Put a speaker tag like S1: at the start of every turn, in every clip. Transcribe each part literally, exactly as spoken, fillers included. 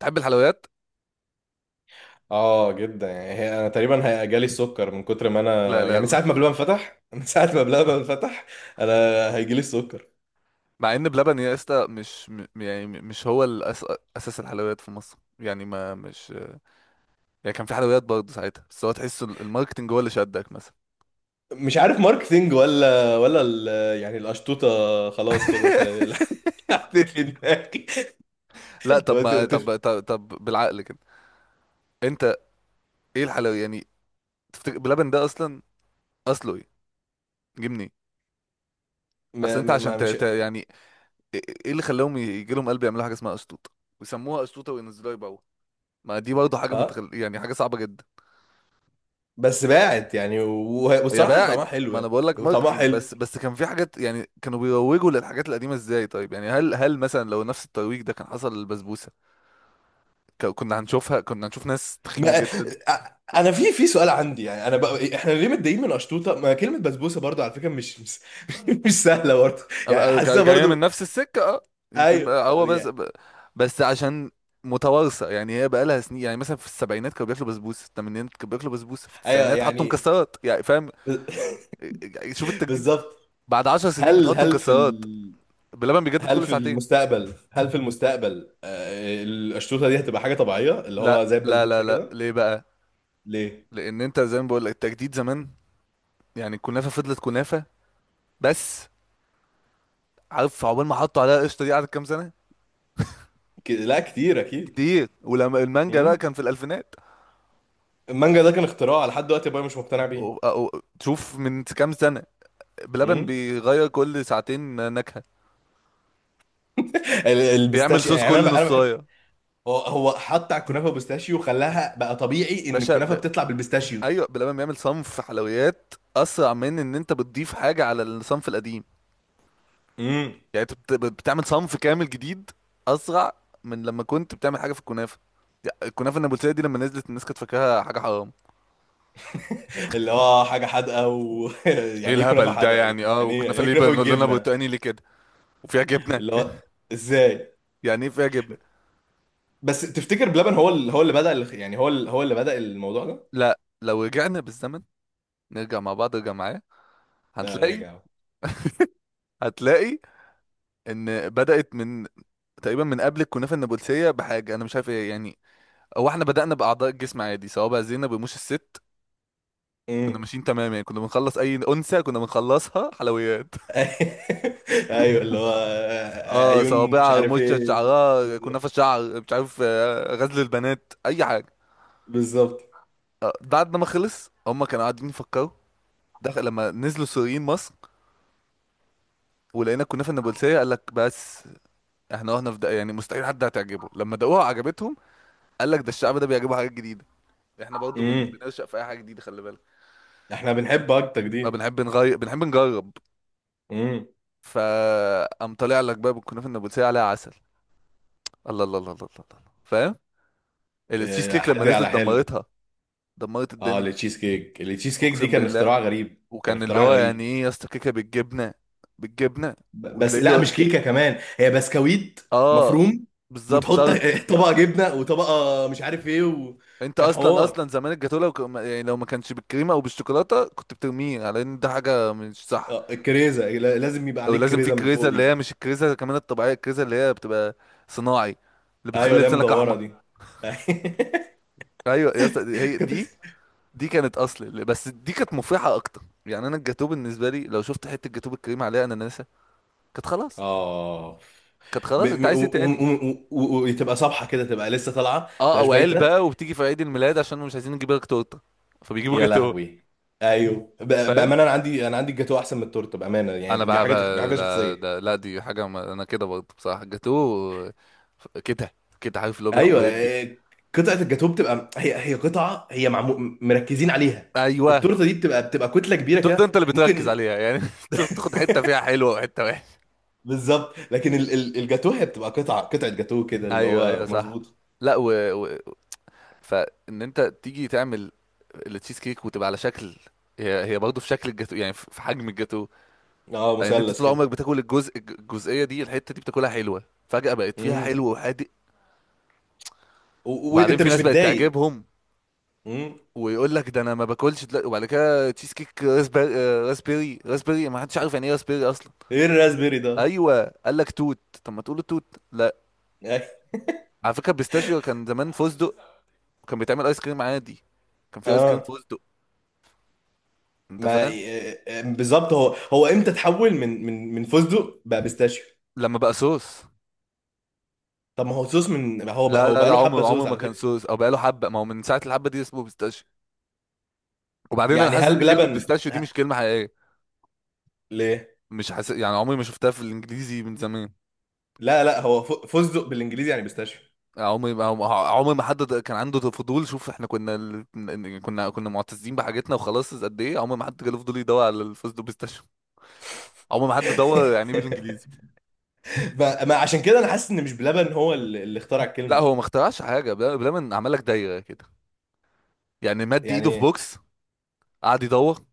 S1: تحب الحلويات؟
S2: اه جدا، يعني هي انا تقريبا هي- جالي السكر من كتر ما انا،
S1: لا
S2: يعني
S1: لا
S2: من
S1: لا.
S2: ساعه ما بلبن فتح. من ساعه ما بلبن فتح. انا هيجيلي السكر.
S1: مع ان بلبن يا اسطى مش م- يعني مش هو الأس... اساس الحلويات في مصر يعني ما مش، يعني كان في حلويات برضه ساعتها، بس هو تحس ال- الماركتنج هو اللي شدك مثلا.
S2: مش عارف ماركتينج ولا ولا ال... يعني القشطوطه، خلاص كده خلي حطيت في دماغي.
S1: لا طب
S2: وت-
S1: ما
S2: وتف...
S1: طب طب, طب بالعقل كده. انت ايه الحلو يعني؟ تفتكر بلبن ده اصلا اصله ايه؟ جه منين؟ اصل
S2: ما,
S1: انت
S2: ما,
S1: عشان
S2: ما
S1: ت...
S2: مش
S1: ت... يعني ايه إيه اللي خلاهم يجي لهم قلب يعملوا حاجه اسمها اشطوطه، ويسموها اشطوطه وينزلوها يبيعوها؟ ما دي برضه حاجه
S2: اه،
S1: متخل... يعني حاجه صعبه جدا.
S2: بس باعت يعني، و-
S1: هي
S2: والصراحه طعمها
S1: باعت،
S2: حلو
S1: ما انا
S2: يعني.
S1: بقول لك
S2: وطعمها
S1: ماركتنج،
S2: حلو.
S1: بس بس كان في حاجات يعني كانوا بيروجوا للحاجات القديمه ازاي. طيب يعني هل هل مثلا لو نفس الترويج ده كان حصل للبسبوسه، ك- كنا هنشوفها، كنا هنشوف ناس تخينه
S2: ما...
S1: جدا.
S2: أ- انا في في سؤال عندي، يعني انا بقى... احنا ليه متضايقين من قشطوطه؟ ما كلمه بسبوسه برضو على فكره، مش مش, مش سهله برضو. يعني
S1: أبقى جا-
S2: حاسسها
S1: جايه من
S2: برضو.
S1: نفس السكه، اه. يمكن
S2: ايوه
S1: بقى هو بس
S2: يعني.
S1: ب- بس عشان متوارثه، يعني هي بقى لها سنين. يعني مثلا في السبعينات كانوا بياكلوا بسبوسه، في الثمانينات كانوا بياكلوا بسبوسه، في
S2: ايوه
S1: التسعينات حطوا
S2: يعني.
S1: مكسرات، يعني فاهم؟
S2: ب-
S1: يعني شوف التجديد،
S2: بالظبط.
S1: بعد 10 سنين
S2: هل
S1: بتحط
S2: هل في
S1: مكسرات.
S2: ال...
S1: بلبن بيجدد
S2: هل
S1: كل
S2: في
S1: ساعتين.
S2: المستقبل هل في المستقبل آه، القشطوطه دي هتبقى حاجه طبيعيه اللي هو
S1: لا
S2: زي
S1: لا لا
S2: البسبوسه
S1: لا
S2: كده؟
S1: ليه بقى؟
S2: ليه؟
S1: لان انت زي ما بقول لك التجديد زمان. يعني الكنافه فضلت كنافه بس. عارف عقبال ما حطوا عليها قشطه دي قعدت كام سنه؟
S2: ك... لا، كتير اكيد.
S1: كتير. ولما المانجا بقى
S2: مم.
S1: كان في الالفينات.
S2: المانجا ده كان اختراع، لحد دلوقتي ابويا مش مقتنع
S1: و-
S2: بيه.
S1: أو- تشوف من كام سنه بلبن
S2: مم.
S1: بيغير كل ساعتين نكهه،
S2: ال-
S1: بيعمل
S2: البيستاشيو
S1: صوص
S2: يعني انا ب...
S1: كل
S2: انا بحب.
S1: نصايه.
S2: هو هو حط على الكنافه بيستاشيو وخلاها بقى طبيعي ان
S1: باشا
S2: الكنافه
S1: ب...
S2: بتطلع بالبيستاشيو.
S1: ايوه، بلبن بيعمل صنف حلويات اسرع من ان انت بتضيف حاجه على الصنف القديم.
S2: مم.
S1: يعني انت بت... بتعمل صنف كامل جديد اسرع من لما كنت بتعمل حاجه في الكنافه. يعني الكنافه النابلسيه دي لما نزلت الناس كانت فاكراها حاجه حرام.
S2: اللي هو حاجه حادقه و
S1: ايه
S2: يعني ايه كنافه
S1: الهبل ده
S2: حادقه يا جدعان؟
S1: يعني؟ اه،
S2: يعني ايه يعني
S1: وكنافه
S2: إيه
S1: ليه
S2: كنافه
S1: بنقول لنا
S2: بالجبنه؟
S1: برتقاني ليه كده، وفيها جبنه؟
S2: اللي هو ازاي؟
S1: يعني ايه فيها جبنه؟
S2: بس تفتكر بلبن هو اللي هو اللي بدأ ال- يعني هو اللي هو اللي بدأ الموضوع ده؟
S1: لا لو رجعنا بالزمن، نرجع مع بعض، ارجع معايا،
S2: لا،
S1: هتلاقي،
S2: راجع اهو.
S1: هتلاقي ان بدأت من تقريبا من قبل الكنافه النابلسيه بحاجه انا مش عارف ايه يعني. هو احنا بدأنا باعضاء الجسم عادي، سواء بقى زينب، رموش الست. كنا
S2: امم.
S1: ماشيين تمام يعني، كنا بنخلص اي انثى كنا بنخلصها حلويات.
S2: ايوه اللي هو
S1: اه،
S2: عيون مش
S1: صوابعها،
S2: عارف
S1: رموشها،
S2: ايه.
S1: شعرها كنافه، شعر مش عارف آه، غزل البنات، اي حاجه.
S2: بالظبط.
S1: آه، بعد ما خلص هم كانوا قاعدين يفكروا، دخل لما نزلوا السوريين مصر، ولقينا الكنافه النابلسيه قال لك بس. احنا رحنا في ده يعني مستحيل حد هتعجبه، لما دقوها عجبتهم. قال لك ده الشعب ده بيعجبه حاجات جديده، احنا برضو بن...
S2: امم.
S1: بنرشق في اي حاجه جديده، خلي بالك.
S2: احنا بنحب اكتر
S1: ما
S2: دي.
S1: بنحب نغير، بنحب نجرب.
S2: امم.
S1: فقام طالع لك بقى بالكنافه النابلسيه عليها عسل. الله الله الله الله الله الله. فاهم؟ التشيز
S2: آه،
S1: كيك لما
S2: حادق
S1: نزلت
S2: على حلو.
S1: دمرتها، دمرت
S2: اه،
S1: الدنيا.
S2: التشيز كيك، التشيز كيك دي
S1: اقسم
S2: كان
S1: بالله.
S2: اختراع غريب، كان
S1: وكان اللي
S2: اختراع
S1: هو يعني
S2: غريب.
S1: ايه يا اسطى، كيكه بالجبنه؟ بالجبنه؟
S2: ب- بس
S1: وتلاقيه
S2: لا،
S1: بيقول-
S2: مش كيكه، كمان هي بسكويت
S1: اه،
S2: مفروم،
S1: بالظبط،
S2: وتحط
S1: طرد.
S2: طبقه جبنه وطبقه مش عارف ايه،
S1: انت
S2: وكان
S1: اصلا
S2: حوار.
S1: اصلا زمان الجاتوه لو ك- يعني لو ما كانش بالكريمه او بالشوكولاته كنت بترميه على ان ده حاجه مش صح.
S2: اه، الكريزه لا- لازم يبقى
S1: او
S2: عليك
S1: لازم في
S2: كريزه من
S1: كريزه،
S2: فوق
S1: اللي هي
S2: دي.
S1: مش الكريزه كمان الطبيعيه، الكريزه اللي هي بتبقى صناعي، اللي
S2: ايوه
S1: بتخلي
S2: اللي هي
S1: لسانك
S2: مدوره
S1: احمر.
S2: دي.
S1: ايوه يا اسطى هي
S2: كنت-
S1: دي. دي كانت اصل، بس دي كانت مفرحه اكتر. يعني انا الجاتوه بالنسبه لي لو شفت حته جاتوه بالكريمه عليها اناناسه كانت خلاص.
S2: اه
S1: كانت
S2: م-
S1: خلاص، انت
S2: م-
S1: عايز ايه
S2: و-
S1: تاني؟
S2: و- و- و- وتبقى صبحه كده، تبقى لسه طالعه، ما
S1: اه،
S2: تبقاش
S1: او
S2: بايته.
S1: علبه وبتيجي في عيد الميلاد عشان مش عايزين نجيب لك تورته فبيجيبوا
S2: يا
S1: جاتوه.
S2: لهوي. ايوه ب-
S1: فاهم؟
S2: بامانه، انا عندي انا عندي الجاتوه احسن من التورته، بامانه
S1: انا
S2: يعني، دي
S1: بقى,
S2: حاجه، دي
S1: بقى
S2: حاجه
S1: ده
S2: شخصيه.
S1: ده لا دي حاجه، ما انا كده برضه بصراحه جاتوه كده كده، عارف اللي هو بياخد
S2: ايوه،
S1: ويدي.
S2: إيه، قطعه الجاتوه بتبقى هي هي قطعه، هي معمو... مركزين عليها.
S1: ايوه.
S2: التورته دي بتبقى بتبقى كتله كبيره
S1: التورته
S2: كده
S1: انت اللي بتركز
S2: ممكن.
S1: عليها يعني، أنت بتاخد حته فيها حلوه وحته وحشه.
S2: بالظبط، لكن ال- ال- الجاتوه هي بتبقى قطعه، قطعه جاتوه كده، اللي
S1: ايوه ايوه
S2: هو
S1: صح.
S2: مظبوط.
S1: لا و... و... فان انت تيجي تعمل التشيز كيك وتبقى على شكل، هي هي برضه في شكل الجاتو، يعني في في حجم الجاتو.
S2: اه،
S1: لان انت
S2: مثلث
S1: طول
S2: كده.
S1: عمرك بتاكل الجزء الجزئيه دي، الحته دي بتاكلها حلوه، فجاه بقت فيها
S2: امم.
S1: حلو وحادق.
S2: و-
S1: وبعدين
S2: وانت
S1: في
S2: مش
S1: ناس بقت
S2: متضايق؟
S1: تعجبهم،
S2: امم.
S1: ويقول لك ده انا ما باكلش دلوقتي، وبعد كده تشيز كيك راسبيري. آه، راسبيري راسبيري، ما حدش عارف يعني ايه راسبيري اصلا.
S2: ايه الراسبيري ده أصلاً؟
S1: ايوه قال لك توت، طب ما تقول توت لا. على فكره البيستاشيو كان زمان فستق، وكان بيتعمل ايس كريم عادي، كان في ايس كريم
S2: اه.
S1: فستق. انت
S2: ما آه،
S1: فاهم؟
S2: اه، اه، بالظبط. هو هو امتى تحول من من من فستق بقى بيستاشيو؟
S1: لما بقى صوص.
S2: طب ما هو صوص، من هو بقى
S1: لا
S2: هو
S1: لا
S2: بقى
S1: لا
S2: له حبه
S1: عمره، عمره
S2: صوص
S1: ما
S2: على
S1: كان
S2: فكره.
S1: صوص او بقى له حبه، ما هو من ساعه الحبه دي اسمه بيستاشيو. وبعدين انا
S2: يعني
S1: حاسس ان
S2: هل
S1: كلمه
S2: بلبن
S1: بيستاشيو دي مش
S2: ه-
S1: كلمه حقيقيه.
S2: ليه؟
S1: مش حاسس يعني، عمري ما شفتها في الانجليزي من زمان.
S2: لا لا، هو ف- فستق بالانجليزي يعني بيستاشيو.
S1: عمري ما، عمري ما حد كان عنده فضول. شوف احنا كنا ال- كنا كنا معتزين بحاجتنا وخلاص. قد ايه عمر ما حد جاله فضول يدور على الفوز بلاي ستيشن، عمر ما حد دور يعني ايه بالانجليزي.
S2: ما ما عشان كده انا حاسس ان مش بلبن هو اللي اللي اخترع
S1: لا
S2: الكلمه.
S1: هو ما اخترعش حاجه، بلا بلا من عمل لك دايره كده، يعني مد
S2: يعني
S1: ايده في
S2: ايه؟
S1: بوكس، قعد يدور،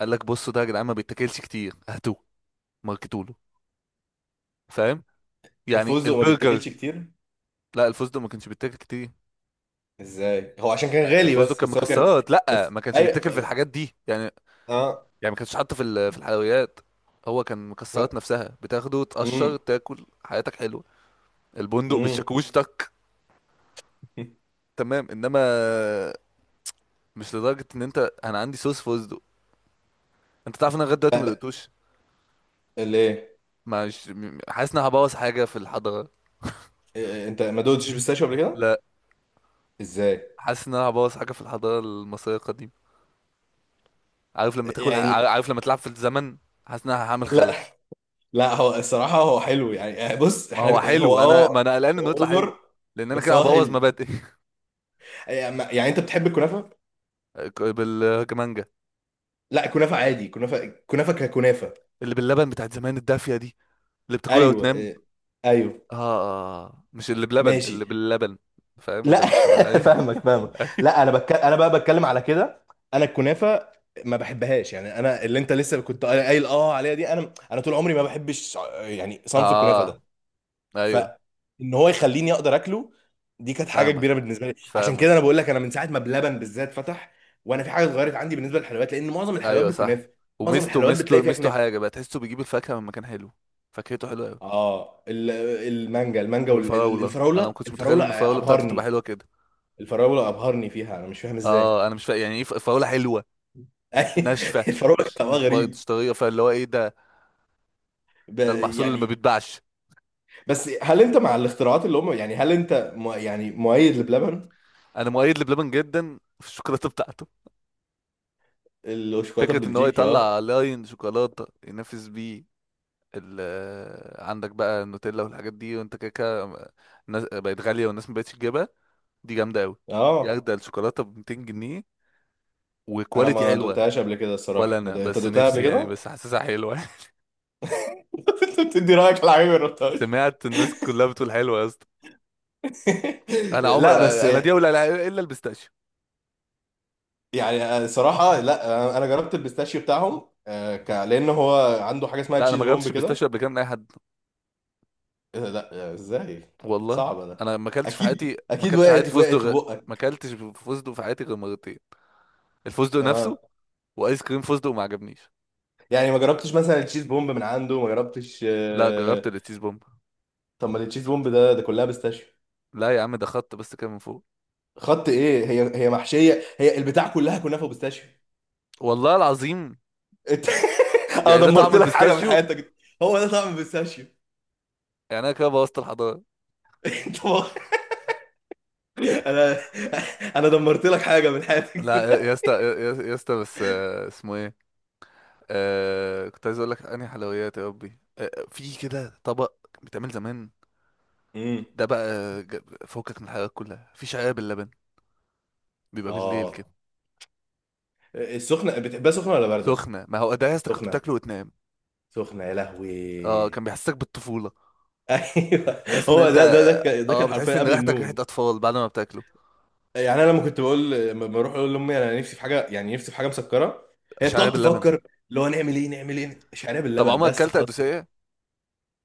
S1: قال لك بصوا ده يا جدعان ما بيتاكلش كتير، هاتوه، ماركتوا له. فاهم؟ يعني
S2: الفستق ما
S1: البرجر.
S2: بيتاكلش كتير؟
S1: لا الفستق ما كانش بيتاكل كتير.
S2: ازاي؟ هو عشان كان
S1: يعني
S2: غالي،
S1: الفستق
S2: بس
S1: كان
S2: بس هو كان
S1: مكسرات، لا
S2: بس
S1: ما كانش
S2: اي.
S1: بيتاكل في الحاجات دي يعني.
S2: اه.
S1: يعني ما كانش حاطه في ال- في الحلويات. هو كان
S2: لا.
S1: مكسرات نفسها بتاخده تقشر
S2: امم.
S1: تاكل حياتك حلوه. البندق
S2: امم.
S1: بالشاكوش، تك. تمام. انما مش لدرجه ان انت، انا عندي صوص فستق، انت تعرف ان انا لغايه دلوقتي ما
S2: لا لا.
S1: دقتوش.
S2: ليه؟
S1: مش م- حاسس ان انا هبوظ حاجه في الحضاره.
S2: إيه، إيه، انت ما دوتش بيستاشيو قبل كده؟
S1: لا،
S2: ازاي؟
S1: حاسس ان انا هبوظ حاجه في الحضاره المصريه القديمه. عارف لما تاكل، ع-
S2: يعني.
S1: عارف لما تلعب في الزمن، حاسس ان انا هعمل خلل.
S2: لا، لا هو الصراحه هو حلو يعني، آه، بص
S1: ما هو
S2: احنا هو
S1: حلو، انا
S2: اه.
S1: ما انا قلقان انه
S2: هو
S1: يطلع حلو،
S2: اوفر.
S1: لان انا
S2: بس
S1: كده
S2: هو
S1: هبوظ
S2: حلو.
S1: مبادئي.
S2: يعني، يعني انت بتحب الكنافه؟
S1: بالجمانجه.
S2: لا، الكنافه عادي، كنافه، كنافه ككنافه.
S1: اللي باللبن بتاعت زمان، الدافيه دي، اللي بتاكلها
S2: ايوه،
S1: وتنام.
S2: إيه، ايوه.
S1: اه. آه. مش اللي بلبن، اللي
S2: ماشي.
S1: باللبن. فاهم
S2: لا.
S1: اللي مش تمام؟ ايوه.
S2: فاهمك، فاهمك.
S1: أيوة.
S2: لا، انا بك... انا بقى بتكلم على كده. انا الكنافه ما بحبهاش، يعني انا اللي انت لسه كنت قايل اه عليها دي، انا انا طول عمري ما بحبش. يعني صنف الكنافه
S1: اه،
S2: ده.
S1: ايوه.
S2: فان هو يخليني اقدر اكله. دي كانت حاجه
S1: فاهمك،
S2: كبيره بالنسبه لي، عشان
S1: فاهمك.
S2: كده انا بقول لك انا من ساعه ما بلبن بالذات فتح. وانا في حاجه اتغيرت عندي بالنسبه للحلويات، لان معظم الحلويات
S1: ايوه صح.
S2: بالكنافه. معظم
S1: وميزته،
S2: الحلويات بتلاقي
S1: ميزته
S2: فيها
S1: ميزته
S2: كنافه.
S1: حاجه بقى تحسه بيجيب الفاكهه من مكان حلو، فاكهته حلوه قوي.
S2: اه، ال- المانجا المانجا
S1: والفراوله، انا
S2: والفراوله
S1: ما كنتش متخيل
S2: الفراوله
S1: ان
S2: آه،
S1: الفراوله بتاعته تبقى
S2: ابهرني.
S1: حلوه كده.
S2: الفراوله ابهرني فيها، انا مش فاهم ازاي.
S1: اه انا مش فاهم يعني ايه ف- فراوله حلوه وناشفه،
S2: الفراوله كان
S1: مش
S2: طعمها
S1: مش بايظ،
S2: غريب.
S1: طريه، فاللي هو ايه ده؟
S2: ب-
S1: ده المحصول اللي ما
S2: يعني،
S1: بيتباعش.
S2: بس هل انت مع الاختراعات اللي هم، يعني هل انت م... يعني مؤيد لبلبن؟
S1: انا مؤيد لبلبن جدا في الشوكولاته بتاعته.
S2: الشوكولاته
S1: فكره ان هو
S2: البلجيكي، اه.
S1: يطلع لاين شوكولاته ينافس بيه ال آه، عندك بقى النوتيلا والحاجات دي، وانت كده كده. الناس- بقت غالية والناس مبقتش تجيبها. دي جامدة أوي. دي
S2: اه،
S1: أجدع الشوكولاتة ب مئتين جنيه،
S2: انا
S1: وكواليتي
S2: ما
S1: حلوة.
S2: دقتهاش قبل كده
S1: ولا
S2: الصراحه، ما
S1: أنا
S2: دق... انت
S1: بس
S2: دقتها قبل
S1: نفسي يعني،
S2: كده؟
S1: بس حاسسها حلوة.
S2: انت بتدي رايك على حاجه ما جربتهاش؟
S1: سمعت الناس كلها بتقول حلوة يا اسطى. أنا عمري
S2: لا بس.
S1: بقى أنا دي، ولا لا- إلا البيستاشيو.
S2: يعني صراحه لا، انا جربت البيستاشيو بتاعهم، آه، ك... لان هو عنده حاجه اسمها
S1: لا أنا
S2: تشيز
S1: ما جربتش
S2: بومب كده.
S1: البيستاشيو قبل كده من أي حد.
S2: إيه ده؟ لا ازاي؟
S1: والله.
S2: صعبه ده.
S1: أنا ما أكلتش في
S2: اكيد،
S1: حياتي، ما
S2: اكيد
S1: أكلتش في حياتي
S2: وقعت،
S1: فستق
S2: وقعت في
S1: غ... ما
S2: بقك.
S1: أكلتش فستق في حياتي غير مرتين. الفستق نفسه
S2: اه.
S1: وآيس كريم فستق، وما عجبنيش.
S2: يعني ما جربتش مثلا التشيز بومب من عنده؟ ما جربتش،
S1: لا جربت
S2: آه.
S1: التشيز بومب.
S2: طب ما التشيز بومب ده ده كلها بيستاشيو.
S1: لا يا عم ده خط بس كده من فوق.
S2: خط ايه؟ هي هي محشيه، هي البتاع كلها كنافه وبيستاشيو.
S1: والله العظيم.
S2: انت انا
S1: يعني ده طعم
S2: دمرت لك حاجه من
S1: البيستاشيو؟
S2: حياتك. هو ده طعم البيستاشيو.
S1: يعني انا كده بوظت الحضاره.
S2: انت انا انا دمرت لك حاجه من
S1: لا يا
S2: حياتك.
S1: يا اسطى يا يا- يا اسطى بس آه، اسمه ايه؟ آه كنت عايز اقول لك انهي حلويات يا ربي. آه في كده طبق بيتعمل زمان،
S2: امم.
S1: ده بقى ج- فوقك من الحلويات كلها، في شعير باللبن، بيبقى بالليل كده.
S2: اه، السخنه بتحبها سخنه ولا بارده؟
S1: سخنه، ما هو ده يا اسطى كنت
S2: سخنه.
S1: بتاكله وتنام.
S2: سخنه، يا لهوي.
S1: اه كان بيحسسك بالطفوله،
S2: ايوه.
S1: بحس ان
S2: هو
S1: انت،
S2: ده، ده ده كان- ده
S1: اه،
S2: كان
S1: بتحس
S2: حرفيا
S1: ان
S2: قبل
S1: ريحتك ريحه
S2: النوم.
S1: اطفال بعد ما بتاكله.
S2: يعني انا لما كنت بقول، لما بروح اقول لامي انا نفسي في حاجه، يعني نفسي في حاجه مسكره. هي
S1: شعير
S2: بتقعد
S1: باللبن.
S2: تفكر. اللي هو نعمل ايه، نعمل ايه، شعريه
S1: طب
S2: باللبن،
S1: عمرك
S2: بس
S1: اكلت
S2: خلاص كده.
S1: قدوسيه؟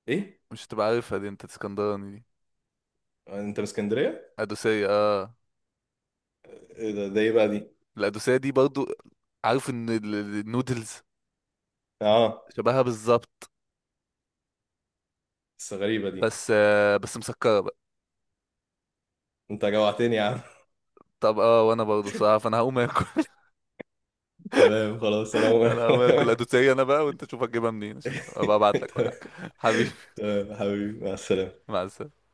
S2: ايه؟
S1: مش هتبقى عارفها دي، انت اسكندراني دي.
S2: انت من اسكندريه؟
S1: قدوسيه، اه.
S2: إيه ده، ده ايه بقى دي؟
S1: القدوسية دي برضو، عارف ان ال- ال- النودلز؟
S2: اه،
S1: شبهها بالظبط،
S2: بس غريبه دي.
S1: بس آه، بس مسكرة بقى.
S2: انت جوعتني يا عم.
S1: طب اه، وانا برضو بصراحة فانا هقوم اكل.
S2: تمام خلاص، انا أقوم.
S1: انا
S2: انا
S1: هقوم اكل
S2: كمان.
S1: قدوسية انا بقى، وانت شوف هتجيبها منين عشان ابقى ابعت لك
S2: تمام،
S1: ولا حاجة حبيبي.
S2: تمام حبيبي، مع السلامه.
S1: مع السلامة.